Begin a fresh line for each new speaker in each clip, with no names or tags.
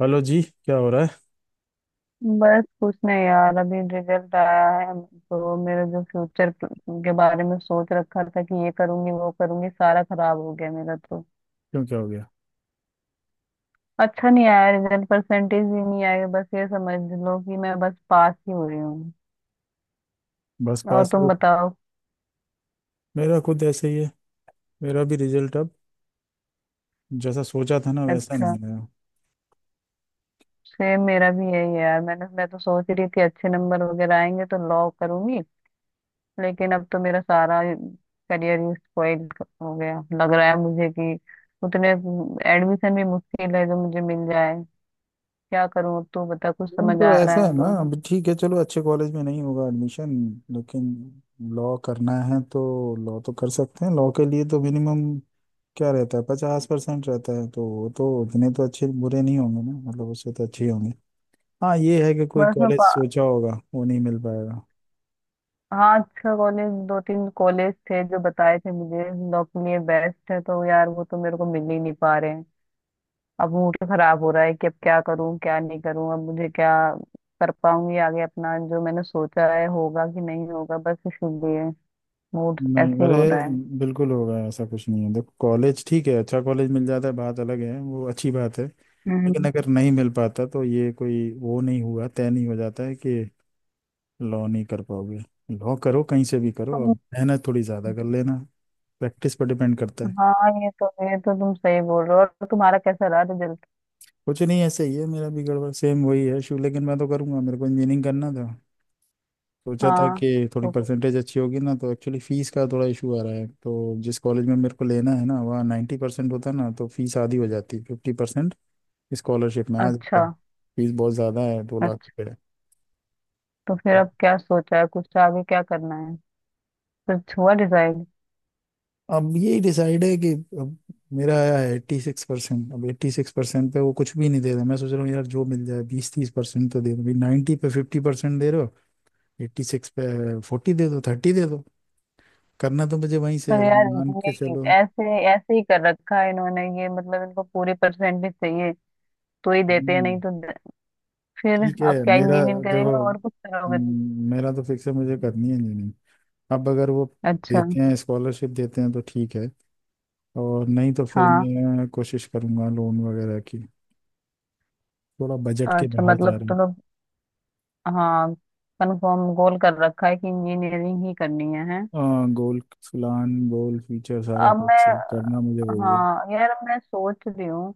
Hello ji, क्या हो रहा है।
बस कुछ नहीं यार, अभी रिजल्ट आया है तो मेरा जो फ्यूचर के बारे में सोच रखा था कि ये करूंगी वो करूंगी, सारा खराब हो गया मेरा तो।
क्यों, क्या हो गया।
अच्छा नहीं आया रिजल्ट, परसेंटेज भी नहीं आया। बस ये समझ लो कि मैं बस पास ही हो रही हूँ।
बस
और
पास
तुम
हुए?
बताओ?
मेरा खुद ऐसे ही है। मेरा भी रिजल्ट अब जैसा सोचा था ना, वैसा
अच्छा।
नहीं आया।
सेम, मेरा भी यही है यार। मैं तो सोच रही थी अच्छे नंबर वगैरह आएंगे तो लॉ करूंगी, लेकिन अब तो मेरा सारा करियर ही स्पॉइल हो गया। लग रहा है मुझे कि उतने एडमिशन भी मुश्किल है जो मुझे मिल जाए। क्या करूं अब? तो बता, कुछ
नहीं,
समझ
तो
आ रहा
ऐसा
है
है ना,
तो।
अब ठीक है, चलो अच्छे कॉलेज में नहीं होगा एडमिशन, लेकिन लॉ करना है तो लॉ तो कर सकते हैं। लॉ के लिए तो मिनिमम क्या रहता है, 50% रहता है, तो वो तो उतने तो अच्छे बुरे नहीं होंगे ना, मतलब उससे तो अच्छे ही होंगे। हाँ, ये है कि कोई
बस मैं
कॉलेज
पा...
सोचा होगा वो नहीं मिल पाएगा।
हाँ, अच्छा कॉलेज, दो तीन कॉलेज थे जो बताए थे मुझे, लॉ के लिए बेस्ट है, तो यार वो तो मेरे को मिल ही नहीं पा रहे हैं। अब मूड खराब हो रहा है कि अब क्या करूं क्या नहीं करूं, अब मुझे क्या कर पाऊंगी आगे, अपना जो मैंने सोचा है होगा कि नहीं होगा। बस इसीलिए मूड
नहीं,
ऐसे ही
अरे
हो रहा है।
बिल्कुल होगा, ऐसा कुछ नहीं है। देखो, कॉलेज ठीक है, अच्छा कॉलेज मिल जाता है बात अलग है, वो अच्छी बात है। लेकिन
हम्म।
अगर नहीं मिल पाता तो ये कोई वो नहीं हुआ, तय नहीं हो जाता है कि लॉ नहीं कर पाओगे। लॉ करो, कहीं से भी करो, अब
तुम
मेहनत थोड़ी ज़्यादा कर लेना। प्रैक्टिस पर डिपेंड करता है।
हाँ, ये तो तुम सही बोल रहे हो। और तुम्हारा कैसा रहा रिजल्ट?
कुछ नहीं, ऐसे ही है, मेरा भी गड़बड़ सेम वही है इशू, लेकिन मैं तो करूँगा, मेरे को इंजीनियरिंग करना था। सोचा था
हाँ।
कि थोड़ी
तो।
परसेंटेज अच्छी होगी ना, तो एक्चुअली फीस का थोड़ा इशू आ रहा है। तो जिस कॉलेज में मेरे को लेना है ना, वहाँ 90% होता ना तो फीस आधी हो जाती, 50% स्कॉलरशिप में आ
अच्छा।
जाता। फीस बहुत ज़्यादा है, दो लाख
अच्छा।
रुपये है।
तो फिर
तो
अब क्या सोचा है कुछ, तो आगे क्या करना है? कुछ हुआ डिसाइड?
अब यही डिसाइड है कि अब मेरा आया है 86%। अब 86% पे वो कुछ भी नहीं दे रहा। मैं सोच रहा हूँ यार, जो मिल जाए, 20-30% तो दे दो भाई। 90 पे 50% दे रहे हो, 86 पे 40 दे दो, 30 दे दो। करना तो मुझे वहीं से है,
पर
अगर
यार,
मान के
ये
चलो।
ऐसे ऐसे ही कर रखा है इन्होंने, ये मतलब इनको पूरी परसेंटेज चाहिए तो ही देते हैं,
हम्म,
नहीं तो फिर।
ठीक
अब
है।
क्या,
मेरा
इंजीनियरिंग
देखो,
करेगा और कुछ करोगे
मेरा तो फिक्स है, मुझे करनी है इंजीनियरिंग। अब अगर वो
तुम? अच्छा।
देते हैं, स्कॉलरशिप देते हैं तो ठीक है, और नहीं तो फिर
हाँ।
मैं कोशिश करूंगा लोन वगैरह की। थोड़ा बजट के
अच्छा,
बाहर जा
मतलब
रहे हैं।
तुम लोग। हाँ, कंफर्म गोल कर रखा है कि इंजीनियरिंग ही करनी है, है?
हाँ, गोल प्लान गोल फ्यूचर सारा
अब मैं
फिक्स करना, मुझे वही है।
हाँ यार, अब मैं सोच रही हूँ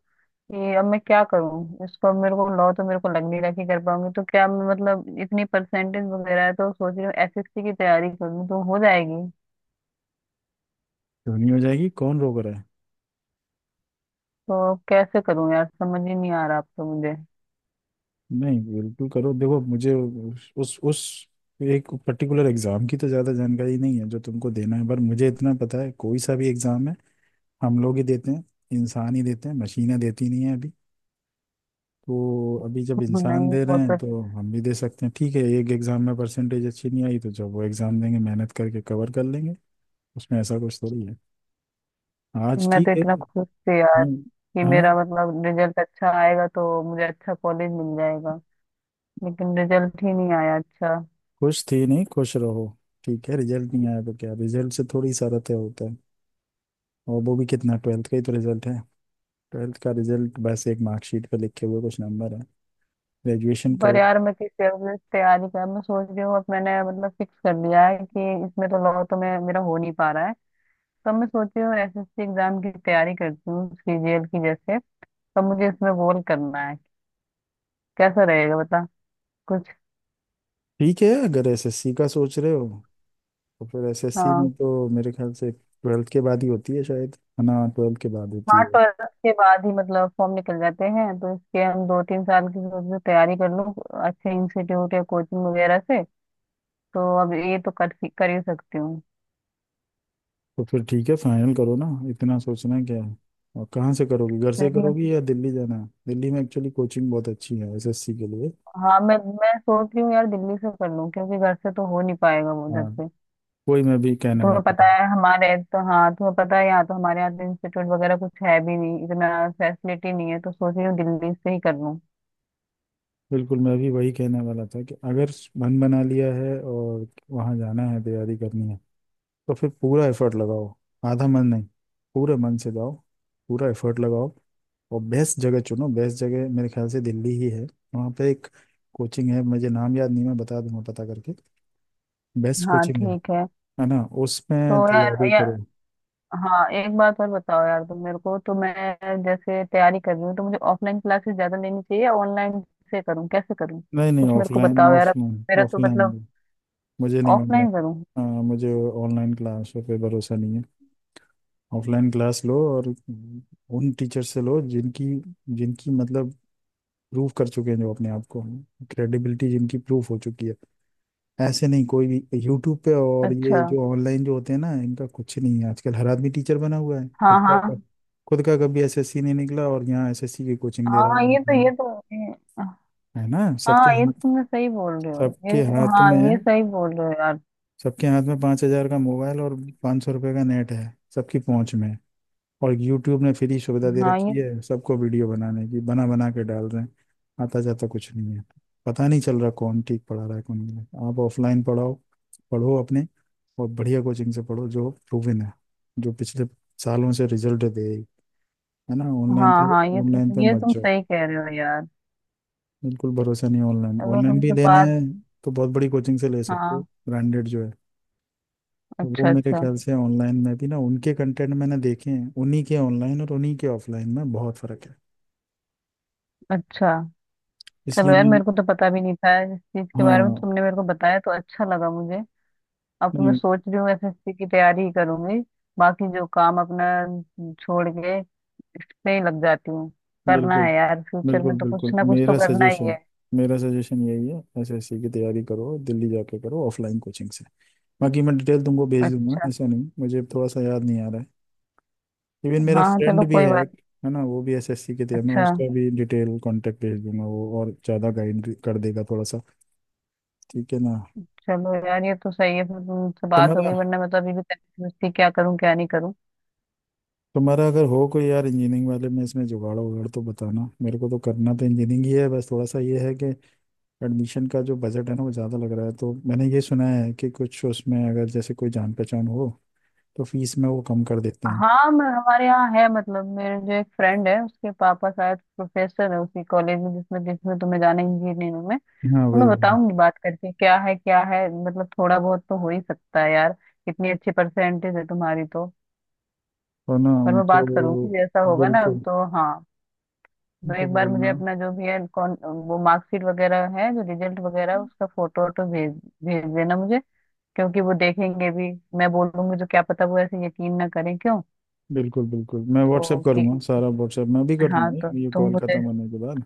कि अब मैं क्या करूँ इसको, अब मेरे को लॉ तो मेरे को लग नहीं रहा कि कर पाऊंगी। तो क्या मैं मतलब इतनी परसेंटेज वगैरह है तो सोच रही हूँ एसएससी की तैयारी कर लूँ तो हो जाएगी।
क्यों नहीं हो जाएगी, कौन रोक रहा है।
तो कैसे करूँ यार, समझ ही नहीं आ रहा अब तो मुझे।
नहीं, बिल्कुल करो। देखो, मुझे उस एक पर्टिकुलर एग्जाम की तो ज़्यादा जानकारी नहीं है जो तुमको देना है, पर मुझे इतना पता है कोई सा भी एग्जाम है हम लोग ही देते हैं, इंसान ही देते हैं, मशीनें देती नहीं है अभी। तो अभी जब इंसान
नहीं,
दे रहे
वो
हैं
तो
तो हम भी दे सकते हैं। ठीक है, एक एग्जाम में परसेंटेज अच्छी नहीं आई तो जब वो एग्जाम देंगे, मेहनत करके कवर कर लेंगे। उसमें ऐसा कुछ थोड़ी है। आज
मैं तो
ठीक है।
इतना खुश थी यार
हम्म,
कि
हाँ।
मेरा, मतलब, रिजल्ट अच्छा आएगा तो मुझे अच्छा कॉलेज मिल जाएगा, लेकिन रिजल्ट ही नहीं आया अच्छा।
खुश थी? नहीं, खुश रहो। ठीक है, रिजल्ट नहीं आया तो क्या, रिजल्ट से थोड़ी सा रते होता है। और वो भी कितना, ट्वेल्थ का ही तो रिजल्ट है। ट्वेल्थ का रिजल्ट बस एक मार्कशीट पे लिखे हुए कुछ नंबर है, ग्रेजुएशन
पर
करो।
यार, मैं किस तरह से तैयारी कर, मैं सोच रही हूँ अब मैंने मतलब फिक्स कर लिया है कि इसमें तो लॉ तो मैं, मेरा हो नहीं पा रहा है। तो मैं सोच रही हूँ एसएससी एग्जाम की तैयारी करती हूँ, सीजीएल की जैसे। तो मुझे इसमें गोल करना है, कैसा रहेगा बता कुछ?
ठीक है, अगर एसएससी का सोच रहे हो तो फिर एसएससी में
हाँ।
तो मेरे ख्याल से ट्वेल्थ के बाद ही होती है शायद, है ना, ट्वेल्थ के बाद होती
हाँ,
है।
ट्वेल्थ के बाद ही मतलब फॉर्म निकल जाते हैं, तो इसके हम 2-3 साल की सोच रहे तैयारी कर लूँ अच्छे इंस्टीट्यूट या कोचिंग वगैरह से। तो अब ये तो कर कर ही सकती हूँ।
तो फिर ठीक है, फाइनल करो ना, इतना सोचना क्या है। और कहाँ से करोगी, घर
तो
से
इसमें,
करोगी या दिल्ली जाना है? दिल्ली में एक्चुअली कोचिंग बहुत अच्छी है एसएससी के लिए।
हाँ, मैं सोच रही हूँ यार दिल्ली से कर लूँ क्योंकि घर से तो हो नहीं पाएगा वो
हाँ,
उधर से।
वही मैं भी कहने
तुम्हें
वाला
पता
था।
है हमारे। तो हाँ, तुम्हें पता है, यहाँ तो हमारे यहाँ तो इंस्टीट्यूट वगैरह कुछ है भी नहीं इतना, फैसिलिटी नहीं है। तो सोच रही हूँ दिल्ली से ही कर लूँ।
बिल्कुल, मैं भी वही कहने वाला था कि अगर मन बना लिया है और वहाँ जाना है, तैयारी करनी है तो फिर पूरा एफर्ट लगाओ, आधा मन नहीं, पूरे मन से जाओ, पूरा एफर्ट लगाओ, और बेस्ट जगह चुनो। बेस्ट जगह मेरे ख्याल से दिल्ली ही है। वहाँ पे एक कोचिंग है, मुझे नाम याद नहीं, मैं बता दूंगा पता करके। बेस्ट
हाँ,
कोचिंग है
ठीक है।
है ना,
तो
उसमें
यार,
तैयारी करो।
हाँ, एक बात और बताओ यार, तुम मेरे को, तो मैं जैसे तैयारी कर रही हूँ तो मुझे ऑफलाइन क्लासेस ज्यादा लेनी चाहिए या ऑनलाइन से करूँ, कैसे करूँ,
नहीं नहीं,
कुछ मेरे को
ऑफलाइन
बताओ यार। अब
ऑफलाइन
मेरा तो मतलब
ऑफलाइन। मुझे नहीं ऑनलाइन।
ऑफलाइन करूँ।
हाँ, मुझे ऑनलाइन क्लासों पे भरोसा नहीं है। ऑफलाइन क्लास लो और उन टीचर से लो जिनकी जिनकी मतलब प्रूव कर चुके हैं जो अपने आप को, क्रेडिबिलिटी जिनकी प्रूफ हो चुकी है। ऐसे नहीं कोई भी यूट्यूब पे, और ये
अच्छा।
जो ऑनलाइन जो होते हैं ना, इनका कुछ नहीं है। आजकल हर आदमी टीचर बना हुआ है,
हाँ, हाँ,
खुद का कभी एसएससी नहीं निकला और यहाँ एसएससी की कोचिंग दे
हाँ, ये तो
रहा है।
ये तो
है ना, सबके
हाँ, ये
हाथ,
तुमने सही बोल रहे हो, ये
सबके
तो,
हाथ
हाँ,
में,
ये सही बोल रहे हो यार।
सबके हाथ में 5 हजार का मोबाइल और 500 रुपए का नेट है, सबकी पहुंच में। और यूट्यूब ने फ्री सुविधा दे
हाँ,
रखी
ये,
है सबको वीडियो बनाने की, बना बना के डाल रहे हैं, आता जाता कुछ नहीं है। पता नहीं चल रहा कौन ठीक पढ़ा रहा है कौन नहीं। आप ऑफलाइन पढ़ाओ, पढ़ो अपने, और बढ़िया कोचिंग से पढ़ो जो प्रूवन है, जो पिछले सालों से रिजल्ट दे रही, है ना। ऑनलाइन
हाँ,
पे,
हाँ, ये
ऑनलाइन
तुम
पे
ये
मत
तुम
जाओ।
सही कह रहे हो यार।
बिल्कुल भरोसा नहीं। ऑनलाइन,
चलो
ऑनलाइन भी
तुमसे
लेना
बात।
है तो बहुत बड़ी कोचिंग से ले सकते हो,
हाँ।
ब्रांडेड जो है। तो वो
अच्छा।
मेरे
अच्छा।
ख्याल से ऑनलाइन में भी ना, उनके कंटेंट मैंने देखे हैं, उन्हीं के ऑनलाइन और उन्हीं के ऑफलाइन में बहुत फर्क है।
अच्छा। चलो
इसलिए
यार,
मैं,
मेरे को तो पता भी नहीं था इस चीज के बारे में,
हाँ
तुमने मेरे को बताया तो अच्छा लगा मुझे। अब तो मैं
नहीं,
सोच रही हूँ एसएससी की तैयारी ही करूंगी, बाकी जो काम अपना छोड़ के इस पे ही लग जाती हूँ। करना
बिल्कुल
है यार, फ्यूचर में
बिल्कुल
तो कुछ
बिल्कुल।
ना कुछ तो करना ही है।
मेरा सजेशन यही है, एसएससी की तैयारी करो, दिल्ली जाके करो, ऑफलाइन कोचिंग से। बाकी मैं डिटेल तुमको भेज दूंगा,
अच्छा।
ऐसा नहीं, मुझे थोड़ा सा याद नहीं आ रहा है। इवन मेरा
हाँ, चलो,
फ्रेंड भी
कोई
है
बात।
एक, है ना, वो भी एसएससी की तैयारी, मैं
अच्छा।
उसका भी डिटेल कांटेक्ट भेज दूंगा, वो और ज़्यादा गाइड कर देगा थोड़ा सा। ठीक है ना।
चलो यार, ये तो सही है। फिर तुमसे बात
तुम्हारा
होगी, वरना मैं तो अभी भी तहरीर मस्ती, क्या करूं क्या नहीं करूं।
तुम्हारा अगर हो कोई यार इंजीनियरिंग वाले में इसमें जुगाड़ वगाड़ तो बताना मेरे को, तो करना तो इंजीनियरिंग ही है, बस थोड़ा सा ये है कि एडमिशन का जो बजट है ना, वो ज़्यादा लग रहा है। तो मैंने ये सुना है कि कुछ उसमें अगर जैसे कोई जान पहचान हो तो फीस में वो कम कर देते हैं।
हाँ, मैं, हमारे यहाँ है मतलब मेरे जो एक फ्रेंड है उसके पापा शायद प्रोफेसर है उसी कॉलेज में जिसमें जिसमें तुम्हें जाना है, इंजीनियरिंग में।
हाँ,
तो
वही
मैं
वही।
बताऊंगी, बात करके क्या है क्या है, मतलब थोड़ा बहुत तो हो ही सकता है यार, इतनी अच्छी परसेंटेज है तुम्हारी तो।
और ना
पर मैं
उनको
बात करूंगी जैसा होगा ना।
बिल्कुल
तो, हाँ, तो
उनको
एक बार मुझे
बोलना।
अपना, जो भी है, कौन, वो मार्कशीट वगैरह है जो रिजल्ट वगैरह है, उसका फोटो वोटो भेज भेज देना मुझे क्योंकि वो देखेंगे भी, मैं बोलूंगी तो क्या पता वो ऐसे यकीन ना करें क्यों।
बिल्कुल बिल्कुल, मैं व्हाट्सएप
तो, कि,
करूँगा सारा, व्हाट्सएप मैं भी कर
हाँ, तो
दूंगा ये
तुम
कॉल
मुझे
ख़त्म होने के बाद।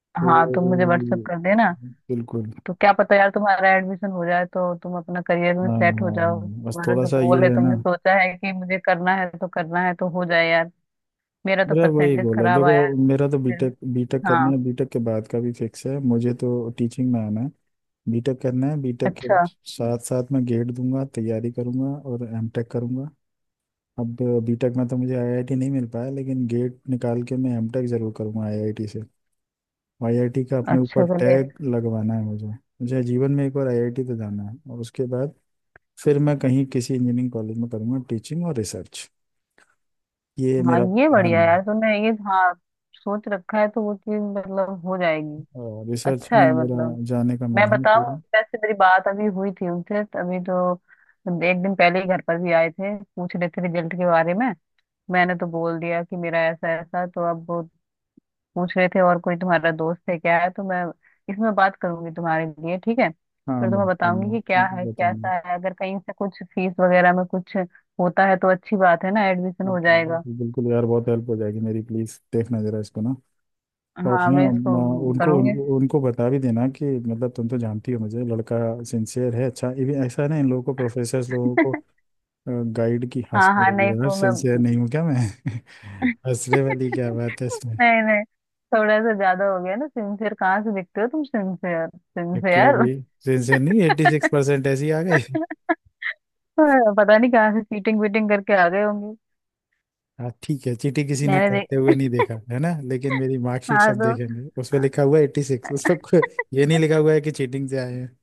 तो
हाँ, तुम मुझे व्हाट्सअप कर देना।
बिल्कुल।
तो क्या पता यार, तुम्हारा एडमिशन हो जाए तो तुम अपना करियर में
हाँ
सेट हो
हाँ
जाओ,
हाँ, बस
तुम्हारा
थोड़ा
जो
सा ये
गोल है
है ना।
तुमने सोचा है कि मुझे करना है तो करना है, तो हो जाए यार। मेरा तो
मेरा वही
परसेंटेज
गोल है,
खराब आया है।
देखो मेरा तो
तो फिर।
बीटेक बीटेक करना
हाँ।
है, बीटेक के बाद का भी फिक्स है, मुझे तो टीचिंग में आना है। बीटेक करना है, बीटेक के
अच्छा।
साथ साथ मैं गेट दूंगा, तैयारी करूंगा, और एमटेक करूंगा। अब बीटेक में तो मुझे आईआईटी नहीं मिल पाया, लेकिन गेट निकाल के मैं एमटेक जरूर करूंगा आईआईटी से। आईआईटी का अपने ऊपर
अच्छा। तो ले।
टैग लगवाना है मुझे, मुझे जीवन में एक बार आईआईटी तो जाना है, और उसके बाद फिर मैं कहीं किसी इंजीनियरिंग कॉलेज में करूंगा टीचिंग और रिसर्च। ये
हाँ,
मेरा
ये
प्लान
बढ़िया है
है।
यार, तुमने ये, हाँ, सोच रखा है तो वो चीज मतलब हो जाएगी।
और रिसर्च
अच्छा
में
है
मेरा
मतलब।
जाने का मन
मैं
है
बताऊं।
पूरा।
वैसे मेरी बात अभी हुई थी उनसे, अभी तो एक दिन पहले ही घर पर भी आए थे, पूछ रहे थे रिजल्ट के बारे में। मैंने तो बोल दिया कि मेरा ऐसा ऐसा, तो अब वो पूछ रहे थे और कोई तुम्हारा दोस्त है क्या है। तो मैं इसमें बात करूंगी तुम्हारे लिए, ठीक है,
हाँ
फिर तुम्हें
बात
बताऊंगी
करना,
कि क्या
बिल्कुल
है
बताना।
कैसा है, अगर कहीं से कुछ फीस वगैरह में कुछ होता है तो अच्छी बात है ना, एडमिशन हो
बिल्कुल
जाएगा।
बिल्कुल बिल्कुल यार, बहुत हेल्प हो जाएगी मेरी, प्लीज देखना जरा इसको ना। और
हाँ,
ना
मैं
म,
इसको
उनको उन,
करूंगी।
उनको बता भी देना कि, मतलब तुम तो जानती हो, मुझे लड़का सिंसियर है। अच्छा ये भी ऐसा है ना, इन लोगों को, प्रोफेसर लोगों को गाइड की
हाँ,
हंसने
हाँ,
लगी
नहीं,
है यार,
वो मैं,
सिंसियर नहीं हूँ क्या मैं? हंसने वाली क्या बात है इसमें।
नहीं, नहीं, थोड़ा सा ज्यादा हो गया ना। सिंसियर कहाँ से दिखते हो तुम? सिंसियर,
तो क्यों
सिंसियर।
भाई, सिंसियर नहीं, एट्टी सिक्स परसेंट ऐसे ही आ गए?
पता नहीं कहाँ से चीटिंग वीटिंग करके आ गए होंगे।
हाँ ठीक है, चीटी किसी ने
मैंने
करते
देख
हुए नहीं देखा है ना, लेकिन मेरी मार्कशीट
हाँ,
सब
तो
देखेंगे, उस पर लिखा हुआ है 86, उस पर ये नहीं लिखा हुआ है कि चीटिंग से आए हैं।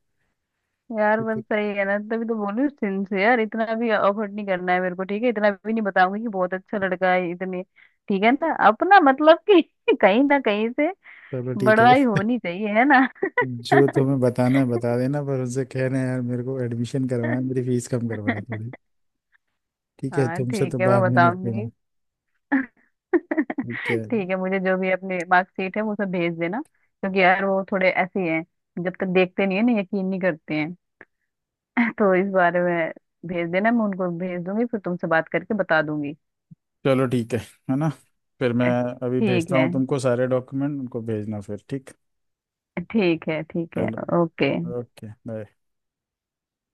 यार, बस
तो
सही है ना, तभी तो बोल रही हूँ सिंसियर। इतना भी अफर्ट नहीं करना है मेरे को, ठीक है? इतना भी नहीं बताऊंगी कि बहुत अच्छा लड़का है इतने, ठीक है ना। अपना मतलब कि। कहीं ना कहीं से
चलो ठीक है,
बड़वाई होनी चाहिए है ना।
जो तुम्हें बताना है बता देना, पर उनसे कहना है, यार मेरे को एडमिशन करवाना है, मेरी फीस कम करवाना थोड़ी। ठीक है,
हाँ,
तुमसे तो
ठीक है, मैं
बाद में
बताऊंगी।
निपटूंगा। ठीक है,
ठीक है, मुझे जो भी अपनी मार्कशीट है वो सब भेज देना क्योंकि यार वो थोड़े ऐसे ही हैं, जब तक देखते नहीं है ना यकीन नहीं करते हैं। तो इस बारे में भेज देना, मैं उनको भेज दूंगी, फिर तुमसे बात करके बता दूंगी।
चलो ठीक है ना, फिर मैं अभी
ठीक
भेजता
है,
हूँ तुमको सारे डॉक्यूमेंट, उनको भेजना फिर ठीक।
ठीक है, ठीक है,
चलो,
ओके।
Okay bye.